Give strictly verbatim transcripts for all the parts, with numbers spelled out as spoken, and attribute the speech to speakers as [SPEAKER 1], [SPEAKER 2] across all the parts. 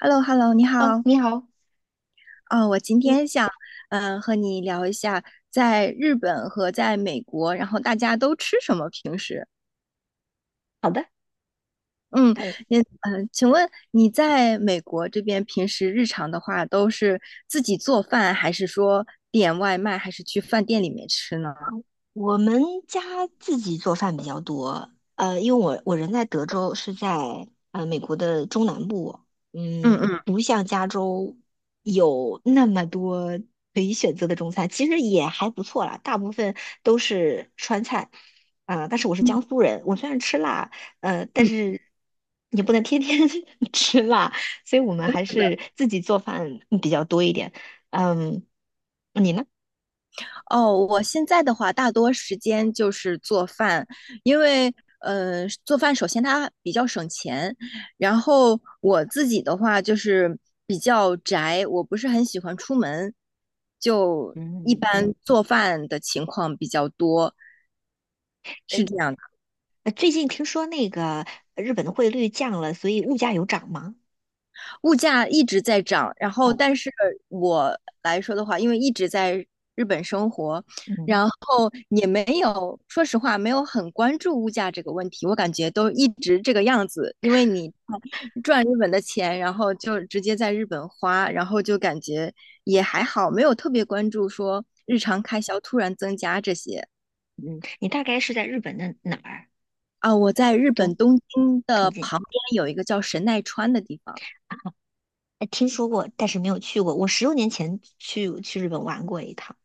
[SPEAKER 1] h e l l o h e l l o 你
[SPEAKER 2] 呃，
[SPEAKER 1] 好。
[SPEAKER 2] 你好。
[SPEAKER 1] 啊、我今
[SPEAKER 2] 嗯。
[SPEAKER 1] 天想，嗯、和你聊一下在日本和在美国，然后大家都吃什么平时？嗯，
[SPEAKER 2] 呃，
[SPEAKER 1] 你，嗯、请问你在美国这边平时日常的话，都是自己做饭，还是说点外卖，还是去饭店里面吃呢？
[SPEAKER 2] 我们家自己做饭比较多，呃，因为我我人在德州，是在呃美国的中南部。
[SPEAKER 1] 嗯
[SPEAKER 2] 嗯，
[SPEAKER 1] 嗯。
[SPEAKER 2] 不像加州有那么多可以选择的中餐，其实也还不错啦，大部分都是川菜。啊，但是我是江苏人。我虽然吃辣，呃，但
[SPEAKER 1] 嗯。
[SPEAKER 2] 是也不能天天 吃辣，所以我们还是自己做饭比较多一点。嗯，你呢？
[SPEAKER 1] 哦，我现在的话，大多时间就是做饭，因为呃，做饭首先它比较省钱，然后我自己的话就是比较宅，我不是很喜欢出门，就一
[SPEAKER 2] 嗯。
[SPEAKER 1] 般做饭的情况比较多，是这样的。
[SPEAKER 2] 呃，最近听说那个呃日本的汇率降了，所以物价有涨吗？
[SPEAKER 1] 物价一直在涨，然后
[SPEAKER 2] 哦。
[SPEAKER 1] 但是我来说的话，因为一直在日本生活，
[SPEAKER 2] 嗯
[SPEAKER 1] 然后也没有，说实话没有很关注物价这个问题，我感觉都一直这个样子，因为你赚日本的钱，然后就直接在日本花，然后就感觉也还好，没有特别关注说日常开销突然增加这些。
[SPEAKER 2] 嗯，你大概是在日本的哪儿？
[SPEAKER 1] 啊。我在日本
[SPEAKER 2] 东
[SPEAKER 1] 东京
[SPEAKER 2] 东
[SPEAKER 1] 的
[SPEAKER 2] 京？
[SPEAKER 1] 旁边有一个叫神奈川的地方。
[SPEAKER 2] 呃，听说过，但是没有去过。我十多年前去去日本玩过一趟，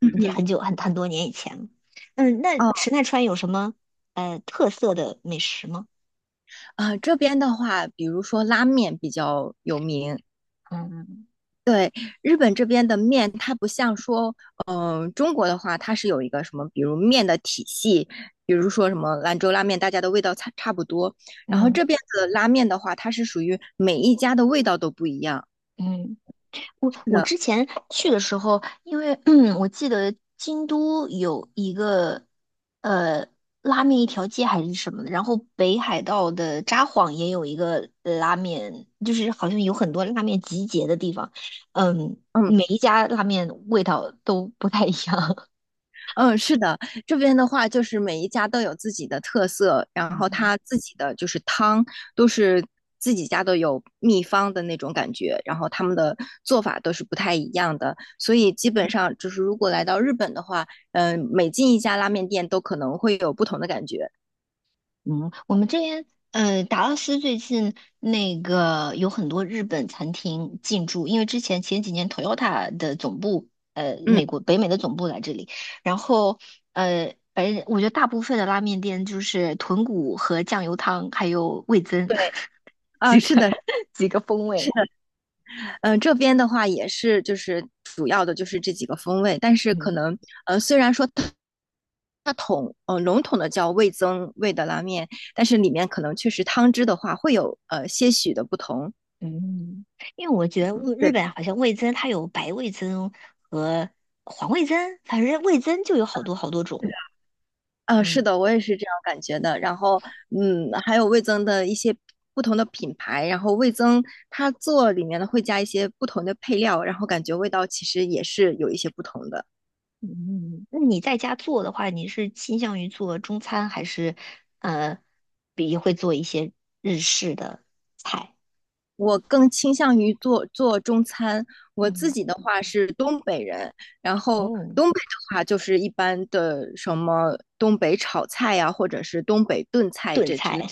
[SPEAKER 1] 嗯
[SPEAKER 2] 也
[SPEAKER 1] 嗯。
[SPEAKER 2] 很久很很多年以前了。嗯，那
[SPEAKER 1] 哦。
[SPEAKER 2] 池奈川有什么呃特色的美食吗？
[SPEAKER 1] 啊，这边的话，比如说拉面比较有名。
[SPEAKER 2] 嗯
[SPEAKER 1] 对，日本这边的面，它不像说，嗯、中国的话，它是有一个什么，比如面的体系，比如说什么兰州拉面，大家的味道差差不多。然后
[SPEAKER 2] 嗯
[SPEAKER 1] 这边的拉面的话，它是属于每一家的味道都不一样。
[SPEAKER 2] 嗯。我
[SPEAKER 1] 是
[SPEAKER 2] 我
[SPEAKER 1] 的。
[SPEAKER 2] 之前去的时候，因为 嗯，我记得京都有一个呃拉面一条街还是什么的，然后北海道的札幌也有一个拉面，就是好像有很多拉面集结的地方。嗯，
[SPEAKER 1] 嗯。
[SPEAKER 2] 每一家拉面味道都不太一样。
[SPEAKER 1] 嗯，是的，这边的话就是每一家都有自己的特色，然后
[SPEAKER 2] 嗯
[SPEAKER 1] 他自己的就是汤都是自己家都有秘方的那种感觉，然后他们的做法都是不太一样的，所以基本上就是如果来到日本的话，嗯、每进一家拉面店都可能会有不同的感觉。
[SPEAKER 2] 嗯，我们这边呃，达拉斯最近那个有很多日本餐厅进驻。因为之前前几年 Toyota 的总部，呃，
[SPEAKER 1] 嗯，
[SPEAKER 2] 美国北美的总部来这里，然后呃，反正我觉得大部分的拉面店就是豚骨和酱油汤，还有味增
[SPEAKER 1] 对，啊，
[SPEAKER 2] 几
[SPEAKER 1] 是
[SPEAKER 2] 个
[SPEAKER 1] 的，
[SPEAKER 2] 几个风
[SPEAKER 1] 是。
[SPEAKER 2] 味。
[SPEAKER 1] 嗯，这边的话也是，就是主要的就是这几个风味，但是可
[SPEAKER 2] 嗯
[SPEAKER 1] 能呃，虽然说它它统呃笼统的叫味增味的拉面，但是里面可能确实汤汁的话会有呃些许的不同。
[SPEAKER 2] 嗯，因为我觉得日
[SPEAKER 1] 对，
[SPEAKER 2] 本好像味增它有白味增和黄味增，反正味增就有好多好多种。
[SPEAKER 1] 呃，是
[SPEAKER 2] 嗯。
[SPEAKER 1] 的，我也是这样感觉的。然后嗯，还有味增的一些不同的品牌，然后味增它做里面呢会加一些不同的配料，然后感觉味道其实也是有一些不同的。
[SPEAKER 2] 嗯，嗯嗯，那你在家做的话，你是倾向于做中餐，还是呃，比会做一些日式的菜？
[SPEAKER 1] 我更倾向于做做中餐。我自
[SPEAKER 2] 嗯
[SPEAKER 1] 己的话是东北人，然后
[SPEAKER 2] 嗯，
[SPEAKER 1] 东北的话就是一般的什么东北炒菜呀、或者是东北炖菜
[SPEAKER 2] 炖
[SPEAKER 1] 这之类。
[SPEAKER 2] 菜。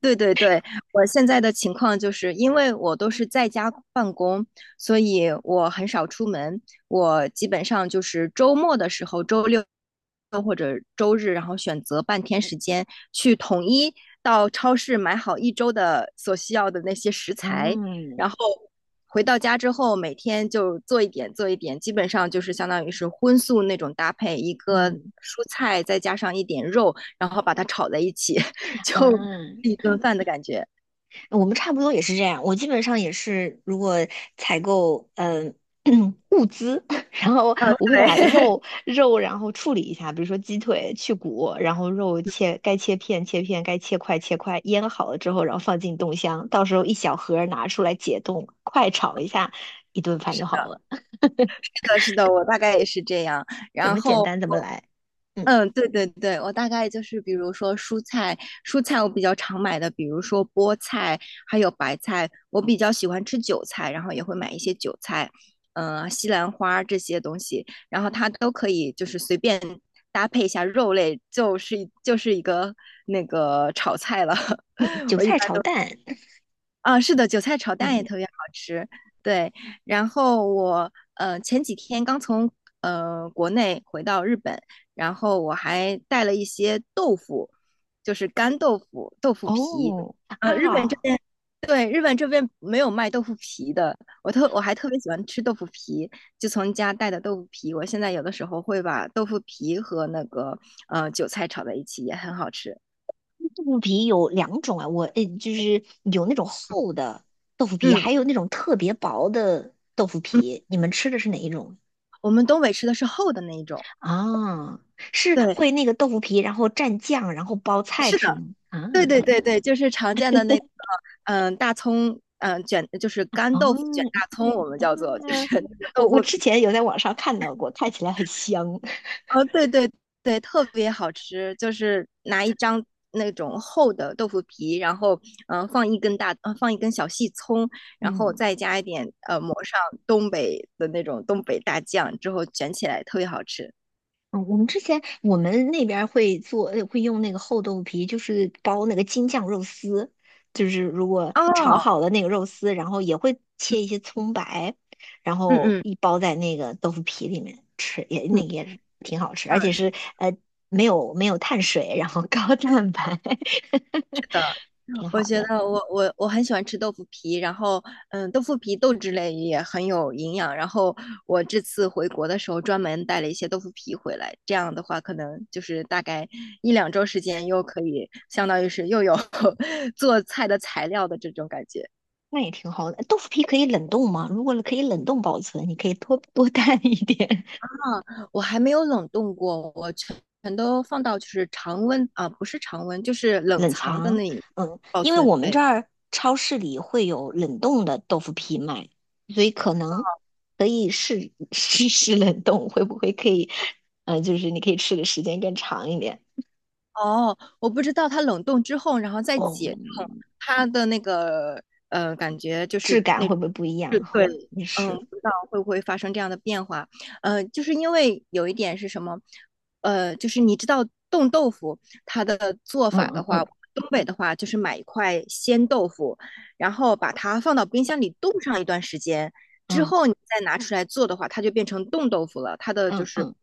[SPEAKER 1] 对对对，我现在的情况就是因为我都是在家办公，所以我很少出门。我基本上就是周末的时候，周六或者周日，然后选择半天时间去统一到超市买好一周的所需要的那些食材，然
[SPEAKER 2] 嗯
[SPEAKER 1] 后回到家之后，每天就做一点做一点，基本上就是相当于是荤素那种搭配，一个
[SPEAKER 2] 嗯
[SPEAKER 1] 蔬菜再加上一点肉，然后把它炒在一起，就。
[SPEAKER 2] 嗯。
[SPEAKER 1] 一顿饭的感觉。
[SPEAKER 2] 我们差不多也是这样，我基本上也是，如果采购嗯、呃 物资，然后
[SPEAKER 1] 嗯，
[SPEAKER 2] 我会把
[SPEAKER 1] 对，
[SPEAKER 2] 肉 肉然后处理一下，比如说鸡腿去骨，然后肉切该切片切片，该切块切块，腌好了之后，然后放进冻箱，到时候一小盒儿拿出来解冻，快炒一下，一顿饭就好了。
[SPEAKER 1] 是的，是的，我大概也是这样。
[SPEAKER 2] 怎
[SPEAKER 1] 然
[SPEAKER 2] 么简
[SPEAKER 1] 后，
[SPEAKER 2] 单怎么来。嗯
[SPEAKER 1] 嗯，对对对，我大概就是比如说蔬菜，蔬菜我比较常买的，比如说菠菜，还有白菜。我比较喜欢吃韭菜，然后也会买一些韭菜，嗯，西兰花这些东西，然后它都可以就是随便搭配一下肉类，就是就是一个那个炒菜了。
[SPEAKER 2] 嗯，韭
[SPEAKER 1] 我一
[SPEAKER 2] 菜
[SPEAKER 1] 般
[SPEAKER 2] 炒
[SPEAKER 1] 都。
[SPEAKER 2] 蛋。
[SPEAKER 1] 啊，是的，韭菜炒蛋也
[SPEAKER 2] 嗯
[SPEAKER 1] 特别好吃。对，然后我呃前几天刚从呃国内回到日本，然后我还带了一些豆腐，就是干豆腐、豆腐皮。
[SPEAKER 2] 哦啊
[SPEAKER 1] 呃，日本这
[SPEAKER 2] 哦。
[SPEAKER 1] 边对日本这边没有卖豆腐皮的，我特我还特别喜欢吃豆腐皮，就从家带的豆腐皮。我现在有的时候会把豆腐皮和那个呃韭菜炒在一起，也很好吃。
[SPEAKER 2] 豆腐皮有两种啊，我呃就是有那种厚的豆腐皮，
[SPEAKER 1] 嗯
[SPEAKER 2] 还有那种特别薄的豆腐
[SPEAKER 1] 嗯，
[SPEAKER 2] 皮。你们吃的是哪一种
[SPEAKER 1] 我们东北吃的是厚的那一种。
[SPEAKER 2] 啊？是
[SPEAKER 1] 对，
[SPEAKER 2] 会那个豆腐皮，然后蘸酱，然后包菜
[SPEAKER 1] 是
[SPEAKER 2] 吃
[SPEAKER 1] 的。
[SPEAKER 2] 吗？啊。
[SPEAKER 1] 对对对对，就是常见的那个，嗯，大葱，嗯，卷就是干豆腐卷
[SPEAKER 2] 哦。
[SPEAKER 1] 大葱，我们叫做就
[SPEAKER 2] 嗯
[SPEAKER 1] 是那个
[SPEAKER 2] 我
[SPEAKER 1] 豆
[SPEAKER 2] 我
[SPEAKER 1] 腐
[SPEAKER 2] 之
[SPEAKER 1] 皮。
[SPEAKER 2] 前有在网上看到过，看起来很香。
[SPEAKER 1] 哦，对对对，特别好吃，就是拿一张那种厚的豆腐皮，然后嗯呃放一根大，呃放一根小细葱，然后
[SPEAKER 2] 嗯。
[SPEAKER 1] 再加一点呃抹上东北的那种东北大酱之后卷起来，特别好吃。
[SPEAKER 2] 嗯，我们之前我们那边儿会做，呃会用那个厚豆皮，就是包那个京酱肉丝，就是如果炒
[SPEAKER 1] 哦，
[SPEAKER 2] 好了那个肉丝，然后也会切一些葱白，然
[SPEAKER 1] 嗯
[SPEAKER 2] 后
[SPEAKER 1] 嗯
[SPEAKER 2] 一包在那个豆腐皮里面吃，也
[SPEAKER 1] 嗯，
[SPEAKER 2] 那个也是挺好吃，
[SPEAKER 1] 啊
[SPEAKER 2] 而且是
[SPEAKER 1] 是
[SPEAKER 2] 呃没有没有碳水，然后 高蛋白，
[SPEAKER 1] 的。
[SPEAKER 2] 挺
[SPEAKER 1] 我
[SPEAKER 2] 好
[SPEAKER 1] 觉
[SPEAKER 2] 的。
[SPEAKER 1] 得我我我很喜欢吃豆腐皮，然后嗯，豆腐皮豆制类也很有营养，然后我这次回国的时候专门带了一些豆腐皮回来，这样的话可能就是大概一两周时间又可以相当于是又有 做菜的材料的这种感觉。
[SPEAKER 2] 那也挺好的。豆腐皮可以冷冻吗？如果可以冷冻保存，你可以多多 带一点。
[SPEAKER 1] 啊，我还没有冷冻过，我全全都放到就是常温啊，不是常温，就是冷
[SPEAKER 2] 冷
[SPEAKER 1] 藏的
[SPEAKER 2] 藏。
[SPEAKER 1] 那里
[SPEAKER 2] 嗯，
[SPEAKER 1] 保
[SPEAKER 2] 因为
[SPEAKER 1] 存，
[SPEAKER 2] 我们这
[SPEAKER 1] 对。
[SPEAKER 2] 儿超市里会有冷冻的豆腐皮卖，所以可能可以试 试试冷冻，会不会可以？呃，就是你可以吃的时间更长一点。
[SPEAKER 1] 哦，我不知道它冷冻之后，然后再
[SPEAKER 2] 哦，
[SPEAKER 1] 解冻，它的那个呃，感觉就
[SPEAKER 2] 质
[SPEAKER 1] 是
[SPEAKER 2] 感
[SPEAKER 1] 那，
[SPEAKER 2] 会不会不一样？
[SPEAKER 1] 就
[SPEAKER 2] 哈，
[SPEAKER 1] 对。
[SPEAKER 2] 也
[SPEAKER 1] 嗯，
[SPEAKER 2] 是。
[SPEAKER 1] 不知道会不会发生这样的变化。呃，就是因为有一点是什么，呃，就是你知道冻豆腐它的做
[SPEAKER 2] 嗯
[SPEAKER 1] 法的
[SPEAKER 2] 嗯
[SPEAKER 1] 话，
[SPEAKER 2] 嗯
[SPEAKER 1] 东北的话就是买一块鲜豆腐，然后把它放到冰箱里冻上一段时间，之
[SPEAKER 2] 嗯
[SPEAKER 1] 后你再拿出来做的话，它就变成冻豆腐了。它的就
[SPEAKER 2] 嗯
[SPEAKER 1] 是，
[SPEAKER 2] 嗯。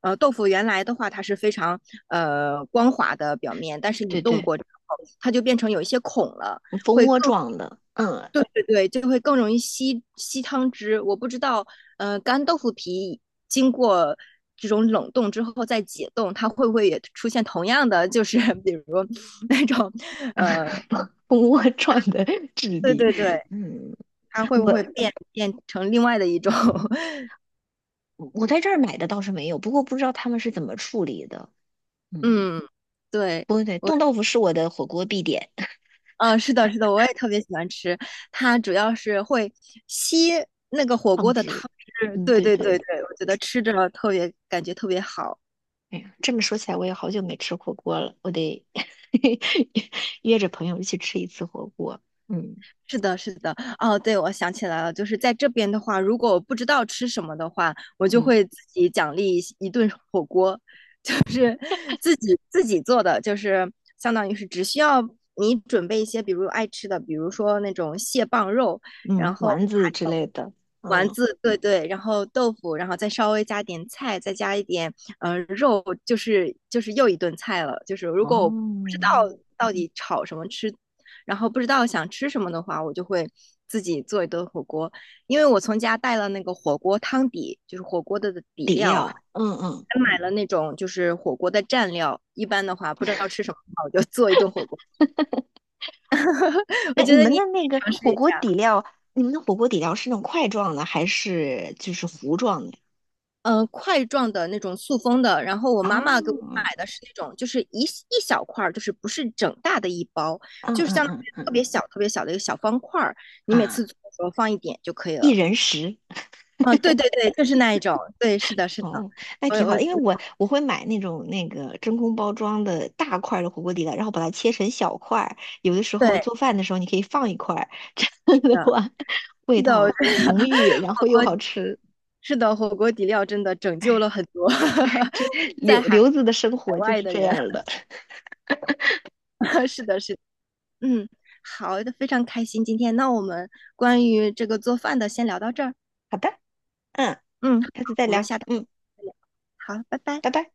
[SPEAKER 1] 呃，豆腐原来的话它是非常呃光滑的表面，但是你
[SPEAKER 2] 对
[SPEAKER 1] 冻
[SPEAKER 2] 对，
[SPEAKER 1] 过之后，它就变成有一些孔了，
[SPEAKER 2] 蜂
[SPEAKER 1] 会
[SPEAKER 2] 窝
[SPEAKER 1] 更
[SPEAKER 2] 状的。嗯。
[SPEAKER 1] 对对对，就会更容易吸吸汤汁。我不知道，呃，干豆腐皮经过这种冷冻之后再解冻，它会不会也出现同样的，就是比如那种，呃，
[SPEAKER 2] 蜂蜂窝状的 质
[SPEAKER 1] 对
[SPEAKER 2] 地。
[SPEAKER 1] 对对，
[SPEAKER 2] 嗯，
[SPEAKER 1] 它会
[SPEAKER 2] 我
[SPEAKER 1] 不会变变成另外的一种。
[SPEAKER 2] 我在这儿买的倒是没有，不过不知道他们是怎么处理的。嗯。
[SPEAKER 1] 嗯，对，
[SPEAKER 2] 不对，
[SPEAKER 1] 我，
[SPEAKER 2] 冻豆腐是我的火锅必点。
[SPEAKER 1] 呃，是的，是的，我也特别喜欢吃。它主要是会吸那个火
[SPEAKER 2] 汤
[SPEAKER 1] 锅的
[SPEAKER 2] 汁。
[SPEAKER 1] 汤汁，
[SPEAKER 2] 嗯，
[SPEAKER 1] 对
[SPEAKER 2] 对
[SPEAKER 1] 对
[SPEAKER 2] 对。
[SPEAKER 1] 对对，我觉得吃着特别感觉特别好。
[SPEAKER 2] 哎呀，这么说起来，我也好久没吃火锅了，我得 约着朋友一起吃一次火锅。嗯
[SPEAKER 1] 是的，是的，哦，对，我想起来了，就是在这边的话，如果我不知道吃什么的话，我就
[SPEAKER 2] 嗯
[SPEAKER 1] 会自己奖励一一顿火锅。就是自己自己做的，就是相当于是只需要你准备一些，比如爱吃的，比如说那种蟹棒肉，
[SPEAKER 2] 嗯，
[SPEAKER 1] 然后
[SPEAKER 2] 丸子之
[SPEAKER 1] 还有
[SPEAKER 2] 类的。
[SPEAKER 1] 丸
[SPEAKER 2] 嗯
[SPEAKER 1] 子，对对，然后豆腐，然后再稍微加点菜，再加一点呃肉，就是就是又一顿菜了。就是如果我不知道
[SPEAKER 2] 哦，
[SPEAKER 1] 到底炒什么吃，然后不知道想吃什么的话，我就会自己做一顿火锅。因为我从家带了那个火锅汤底，就是火锅的底
[SPEAKER 2] 底
[SPEAKER 1] 料，
[SPEAKER 2] 料。嗯嗯，
[SPEAKER 1] 还买了那种就是火锅的蘸料，一般的话不知道吃什么的话，我就 做一顿火锅。我
[SPEAKER 2] 那你
[SPEAKER 1] 觉得
[SPEAKER 2] 们
[SPEAKER 1] 你也
[SPEAKER 2] 的
[SPEAKER 1] 可
[SPEAKER 2] 那个
[SPEAKER 1] 以尝试
[SPEAKER 2] 火
[SPEAKER 1] 一
[SPEAKER 2] 锅
[SPEAKER 1] 下，
[SPEAKER 2] 底料，你们的火锅底料是那种块状的，还是就是糊状的？
[SPEAKER 1] 嗯、呃块状的那种塑封的，然后我妈妈给我
[SPEAKER 2] 哦，
[SPEAKER 1] 买的是那种就是一一小块就是不是整大的一包，
[SPEAKER 2] 嗯
[SPEAKER 1] 就是
[SPEAKER 2] 嗯
[SPEAKER 1] 像
[SPEAKER 2] 嗯
[SPEAKER 1] 特
[SPEAKER 2] 嗯
[SPEAKER 1] 别小特别小的一个小方块儿，你每次
[SPEAKER 2] 啊，
[SPEAKER 1] 做的时候放一点就可以
[SPEAKER 2] 一
[SPEAKER 1] 了。
[SPEAKER 2] 人食。
[SPEAKER 1] 啊，对对对，就是那一种，对，是的，是的，
[SPEAKER 2] 哦，那
[SPEAKER 1] 我
[SPEAKER 2] 挺好
[SPEAKER 1] 我
[SPEAKER 2] 的。因为我我会买那种那个真空包装的大块儿的火锅底料，然后把它切成小块儿。有的时候
[SPEAKER 1] 对，
[SPEAKER 2] 做饭的时候，你可以放一块儿，这样
[SPEAKER 1] 是
[SPEAKER 2] 的
[SPEAKER 1] 的，
[SPEAKER 2] 话味
[SPEAKER 1] 是的，我
[SPEAKER 2] 道
[SPEAKER 1] 觉
[SPEAKER 2] 浓郁，
[SPEAKER 1] 得
[SPEAKER 2] 然
[SPEAKER 1] 火
[SPEAKER 2] 后又
[SPEAKER 1] 锅
[SPEAKER 2] 好吃。
[SPEAKER 1] 是的，火锅底料真的拯救了很多
[SPEAKER 2] 这
[SPEAKER 1] 在
[SPEAKER 2] 刘
[SPEAKER 1] 海
[SPEAKER 2] 刘子的生活就
[SPEAKER 1] 外
[SPEAKER 2] 是
[SPEAKER 1] 的
[SPEAKER 2] 这样
[SPEAKER 1] 人。
[SPEAKER 2] 儿的。
[SPEAKER 1] 是的，是的，嗯，好的，非常开心今天。那我们关于这个做饭的先聊到这儿，
[SPEAKER 2] 好的。嗯，
[SPEAKER 1] 嗯，好，
[SPEAKER 2] 下次再
[SPEAKER 1] 我们
[SPEAKER 2] 聊。
[SPEAKER 1] 下次
[SPEAKER 2] 嗯，
[SPEAKER 1] 再聊，好，拜拜。
[SPEAKER 2] 拜拜。